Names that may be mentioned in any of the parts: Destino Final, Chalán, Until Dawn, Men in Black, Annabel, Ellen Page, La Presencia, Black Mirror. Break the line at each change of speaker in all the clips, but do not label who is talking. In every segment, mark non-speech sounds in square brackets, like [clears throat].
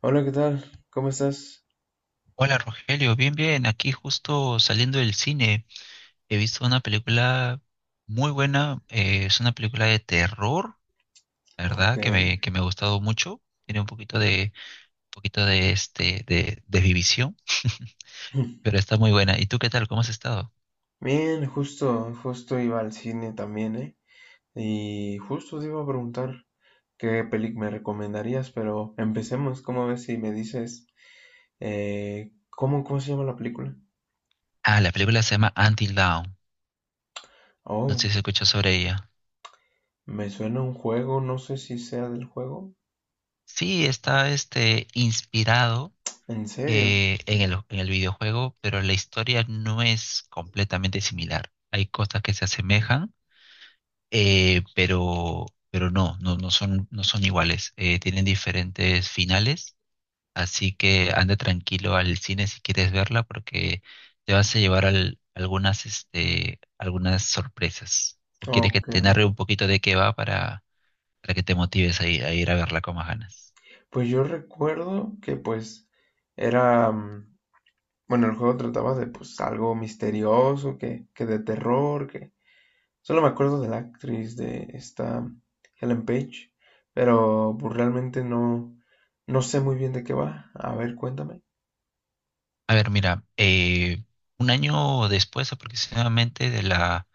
Hola, ¿qué tal? ¿Cómo estás?
Hola Rogelio, bien, bien, aquí justo saliendo del cine. He visto una película muy buena, es una película de terror, la
Ok.
verdad, que me ha gustado mucho. Tiene un poquito de este, de Vivisión. [laughs]
[clears throat]
Pero
[laughs]
está muy buena. ¿Y tú qué tal? ¿Cómo has estado?
Bien, justo iba al cine también, ¿eh? Y justo te iba a preguntar qué película me recomendarías, pero empecemos, ¿cómo ves si me dices, ¿cómo se llama la película?
Ah, la película se llama Until Dawn, no
Oh,
sé si escuchas sobre ella.
me suena a un juego, no sé si sea del juego.
Sí, está este, inspirado,
¿En serio?
en el videojuego, pero la historia no es completamente similar. Hay cosas que se asemejan, pero no, no, no son iguales. Tienen diferentes finales, así que anda tranquilo al cine si quieres verla, porque te vas a llevar algunas sorpresas. ¿O quieres que
Ok.
te narre un poquito de qué va para, que te motives a ir a verla con más ganas?
Pues yo recuerdo que pues era, mm, bueno, el juego trataba de pues algo misterioso, que de terror, que solo me acuerdo de la actriz de esta, Ellen Page, pero pues, realmente no, no sé muy bien de qué va. A ver, cuéntame.
A ver, mira, un año después aproximadamente de la,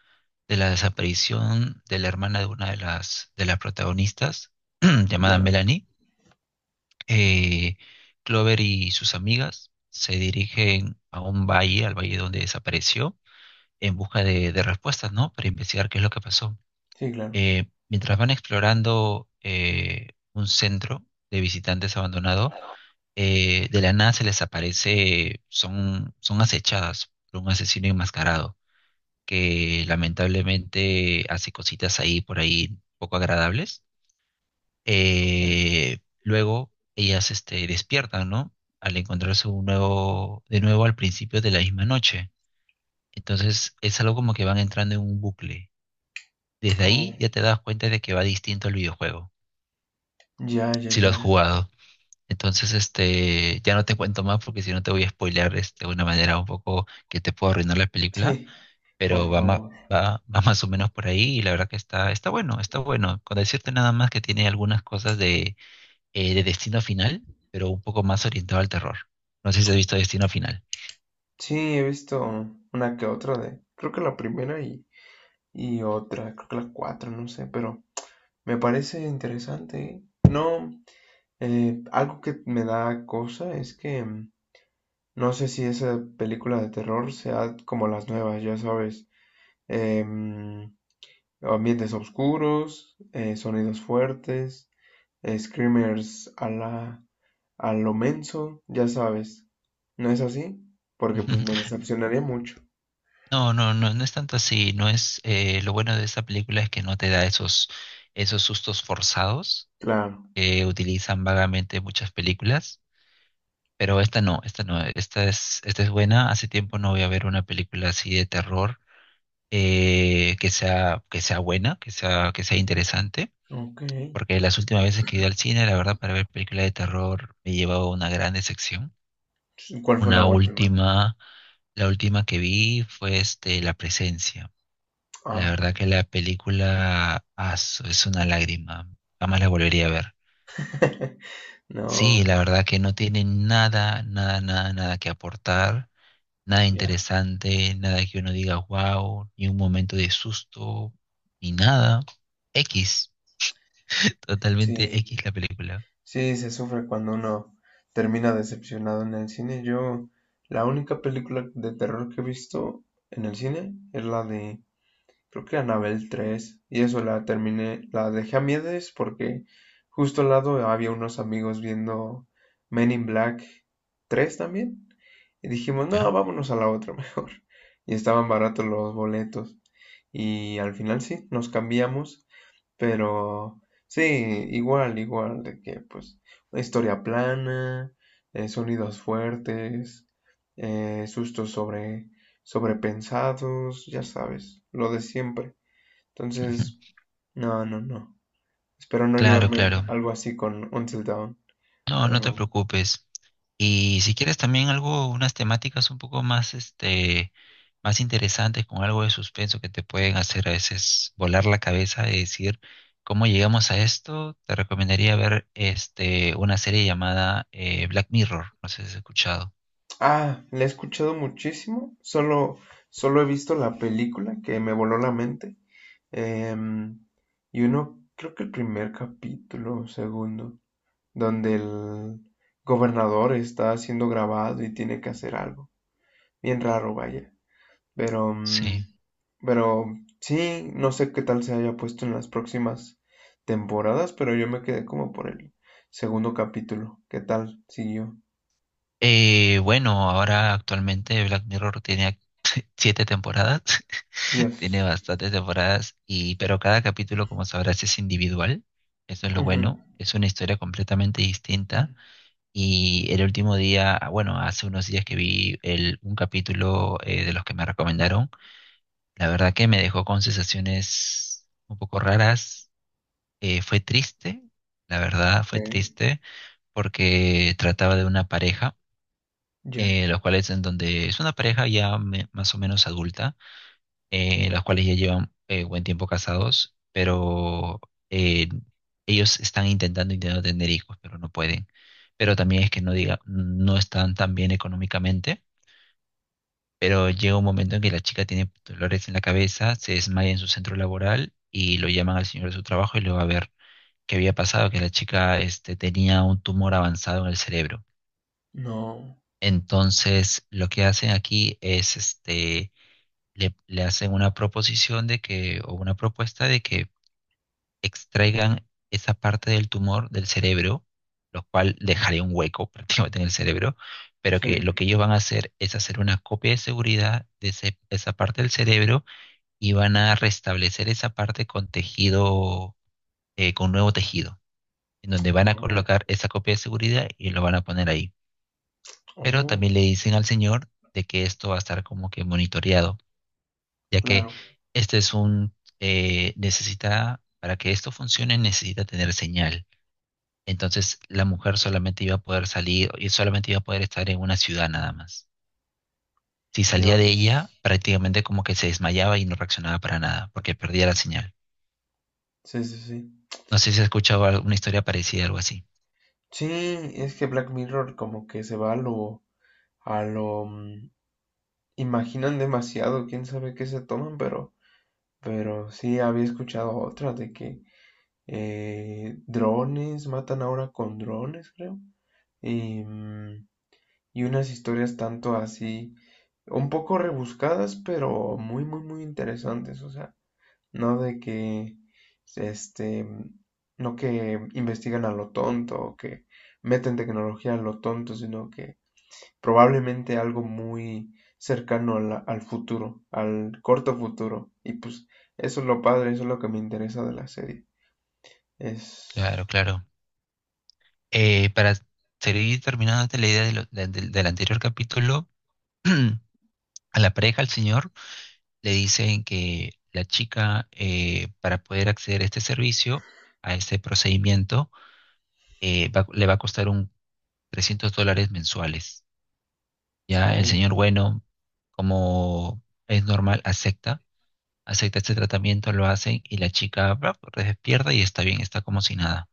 desaparición de la hermana de una de las protagonistas, [clears throat] llamada
Ya,
Melanie, eh, Clover y sus amigas se dirigen a un valle, al valle donde desapareció, en busca de, respuestas, ¿no? Para investigar qué es lo que pasó.
sí, claro.
Mientras van explorando, un centro de visitantes abandonado, de la nada se les aparece, son acechadas por un asesino enmascarado que lamentablemente hace cositas ahí por ahí poco agradables.
Ok.
Luego ellas este, despiertan, ¿no? Al encontrarse de nuevo al principio de la misma noche. Entonces es algo como que van entrando en un bucle. Desde
Oh,
ahí ya te das cuenta de que va distinto el videojuego,
ya, ya,
si lo
ya.
has jugado. Entonces, este, ya no te cuento más, porque si no te voy a spoilear este, de una manera un poco que te puedo arruinar la película,
Sí, por
pero va, ma-
favor.
va, va más o menos por ahí, y la verdad que está bueno, está bueno. Con decirte nada más que tiene algunas cosas de Destino Final, pero un poco más orientado al terror. No sé si has visto Destino Final.
Sí, he visto una que otra, de, creo que la primera y otra, creo que la cuatro, no sé, pero me parece interesante, ¿eh? No, algo que me da cosa es que no sé si esa película de terror sea como las nuevas, ya sabes. em, ambientes oscuros, sonidos fuertes, screamers a la, a lo menso, ya sabes. ¿No es así? Porque pues me
[laughs]
decepcionaría mucho.
No, no, no, no es tanto así. No es, lo bueno de esta película es que no te da esos, sustos forzados
Claro.
que utilizan vagamente muchas películas. Pero esta no, esta no, esta es buena. Hace tiempo no voy a ver una película así de terror, que sea buena, que sea interesante.
Ok.
Porque las últimas veces que he ido al cine, la verdad, para ver películas de terror, me he llevado una gran decepción.
¿Cuál fue la
Una
última?
última, la última que vi fue este, La Presencia. La
Ah,
verdad que la película es una lágrima. Jamás la volvería a ver.
[laughs] no,
Sí, la
bueno,
verdad que no tiene nada, nada, nada, nada que aportar. Nada
ya.
interesante, nada que uno diga wow, ni un momento de susto, ni nada. X, totalmente
Sí,
X la película,
sí, se sufre cuando uno termina decepcionado en el cine. Yo, la única película de terror que he visto en el cine es la de creo que Anabel tres, y eso la terminé, la dejé a miedes porque justo al lado había unos amigos viendo Men in Black 3 también. Y dijimos, no,
¿ya?
vámonos a la otra [laughs] mejor. Y estaban baratos los boletos. Y al final sí, nos cambiamos, pero sí, igual, igual, de que pues una historia plana, sonidos fuertes, sustos sobre, sobrepensados, ya sabes, lo de siempre. Entonces,
[laughs]
no, no, no. Espero no
Claro, claro.
llevarme algo así con Until Dawn.
No, no te
Pero...
preocupes. Y si quieres también algo, unas temáticas un poco más, este, más interesantes, con algo de suspenso que te pueden hacer a veces volar la cabeza y decir, ¿cómo llegamos a esto? Te recomendaría ver, este, una serie llamada, Black Mirror. No sé si has escuchado.
Ah, la he escuchado muchísimo, solo, solo he visto la película que me voló la mente. Em, y uno, creo que el primer capítulo o segundo, donde el gobernador está siendo grabado y tiene que hacer algo. Bien raro, vaya. Pero, mm,
Sí.
pero sí, no sé qué tal se haya puesto en las próximas temporadas, pero yo me quedé como por el segundo capítulo. ¿Qué tal siguió?
Bueno, ahora actualmente Black Mirror tiene siete temporadas. [laughs] Tiene
Dios.
bastantes temporadas, pero cada capítulo, como sabrás, es individual. Eso es lo
Ujú.
bueno. Es una historia completamente distinta. Y el último día, ah, bueno, hace unos días que vi el, un capítulo, de los que me recomendaron, la verdad que me dejó con sensaciones un poco raras. Fue triste, la verdad, fue
Ok.
triste, porque trataba de una pareja,
Ya.
los cuales, en donde es una pareja ya más o menos adulta, los cuales ya llevan, buen tiempo casados, pero, eh, ellos están intentando tener hijos, pero no pueden. Pero también es que no diga, no están tan bien económicamente, pero llega un momento en que la chica tiene dolores en la cabeza, se desmaya en su centro laboral y lo llaman al señor de su trabajo y le va a ver qué había pasado, que la chica este, tenía un tumor avanzado en el cerebro.
No.
Entonces, lo que hacen aquí es este, le hacen una proposición de que, o una propuesta de que extraigan esa parte del tumor del cerebro, lo cual dejaría un hueco [laughs] prácticamente en el cerebro, pero
Sí.
que lo que ellos van a hacer es hacer una copia de seguridad de esa parte del cerebro, y van a restablecer esa parte con tejido, con nuevo tejido, en donde van a
Oh,
colocar esa copia de seguridad y lo van a poner ahí. Pero
oh,
también le dicen al señor de que esto va a estar como que monitoreado, ya que
claro.
este es un, necesita, para que esto funcione, necesita tener señal. Entonces la mujer solamente iba a poder salir y solamente iba a poder estar en una ciudad nada más. Si salía de ella,
Dios.
prácticamente como que se desmayaba y no reaccionaba para nada, porque perdía la señal.
Sí, sí, sí.
No sé si has escuchado una historia parecida, algo así.
Sí, es que Black Mirror como que se va a lo, a lo, mm, imaginan demasiado, quién sabe qué se toman, pero sí había escuchado otra de que drones matan ahora con drones, creo. Y, mm, y unas historias tanto así, un poco rebuscadas, pero muy, muy, muy interesantes. O sea, no de que, este, no que investigan a lo tonto o que meten tecnología a lo tonto, sino que probablemente algo muy cercano al, al futuro, al corto futuro. Y pues eso es lo padre, eso es lo que me interesa de la serie.
Claro,
Es...
claro. Para seguir terminándote la idea de del anterior capítulo, [clears throat] a la pareja, al señor, le dicen que la chica, para poder acceder a este servicio, a este procedimiento, le va a costar un $300 mensuales. Ya el
Oh,
señor, bueno, como es normal, acepta este tratamiento, lo hacen y la chica pues, despierta y está bien, está como si nada.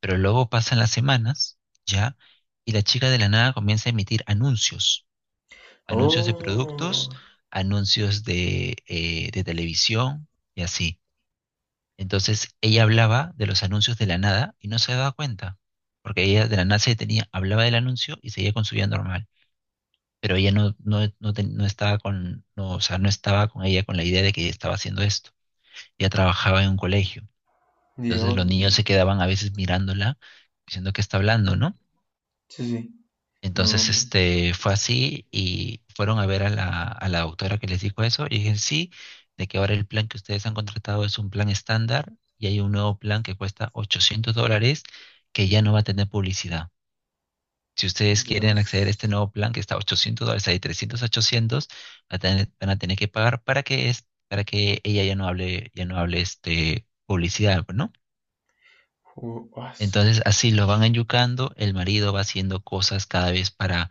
Pero luego pasan las semanas, ya, y la chica de la nada comienza a emitir anuncios, anuncios de productos,
oh,
anuncios de televisión y así. Entonces ella hablaba de los anuncios de la nada y no se daba cuenta, porque ella de la nada se detenía, hablaba del anuncio y seguía con su vida normal, pero ella no, no, no, no estaba con, no, o sea, no estaba con ella con la idea de que estaba haciendo esto. Ella trabajaba en un colegio, entonces
Dios.
los niños se quedaban a veces mirándola, diciendo que está hablando, ¿no?
Sí, sí. No,
Entonces,
no.
este, fue así y fueron a ver a la, doctora, que les dijo eso y dije, sí, de que ahora el plan que ustedes han contratado es un plan estándar, y hay un nuevo plan que cuesta $800, que ya no va a tener publicidad. Si ustedes quieren acceder a este
Dios.
nuevo plan que está a $800, hay 300 a 800, van a tener que pagar para que, para que ella ya no hable, este, publicidad, ¿no?
Ju- aso.
Entonces, así lo van enyucando, el marido va haciendo cosas cada vez para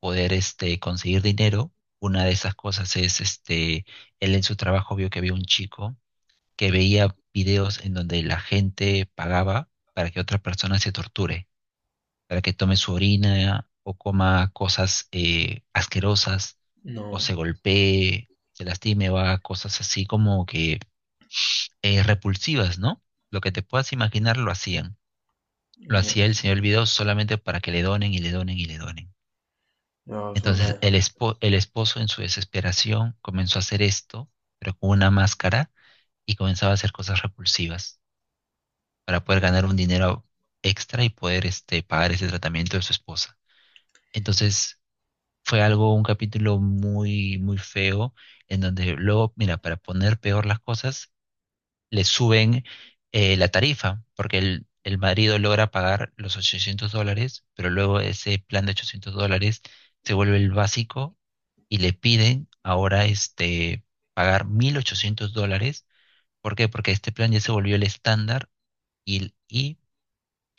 poder este, conseguir dinero. Una de esas cosas es, este, él en su trabajo vio que había un chico que veía videos en donde la gente pagaba para que otra persona se torture, para que tome su orina o coma cosas, asquerosas, o
No,
se golpee, se lastime o haga cosas así, como que, repulsivas, ¿no? Lo que te puedas imaginar lo hacían, lo hacía el
Dios.
señor Vidal solamente para que le donen y le donen y le donen.
Dios,
Entonces el,
una...
el esposo, en su desesperación, comenzó a hacer esto, pero con una máscara, y comenzaba a hacer cosas repulsivas para poder ganar
Dios.
un dinero extra y poder este, pagar ese tratamiento de su esposa. Entonces fue algo, un capítulo muy, muy feo, en donde luego, mira, para poner peor las cosas, le suben, la tarifa, porque el Madrid logra pagar los $800, pero luego ese plan de $800 se vuelve el básico, y le piden ahora este, pagar $1.800. ¿Por qué? Porque este plan ya se volvió el estándar, y, y,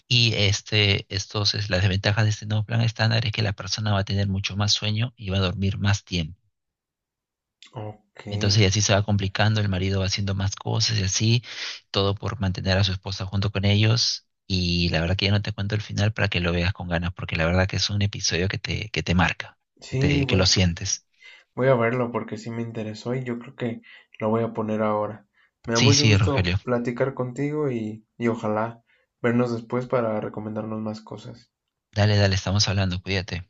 y las desventajas de este nuevo plan estándar es que la persona va a tener mucho más sueño y va a dormir más tiempo.
Ok.
Entonces, y así se va complicando, el marido va haciendo más cosas y así, todo por mantener a su esposa junto con ellos. Y la verdad que ya no te cuento el final para que lo veas con ganas, porque la verdad que es un episodio que que te marca,
Sí,
que lo
güey.
sientes.
Voy a verlo porque sí me interesó y yo creo que lo voy a poner ahora. Me da
Sí,
mucho sí,
sí,
gusto
Rogelio.
platicar contigo y ojalá vernos después para recomendarnos más cosas.
Dale, dale, estamos hablando, cuídate.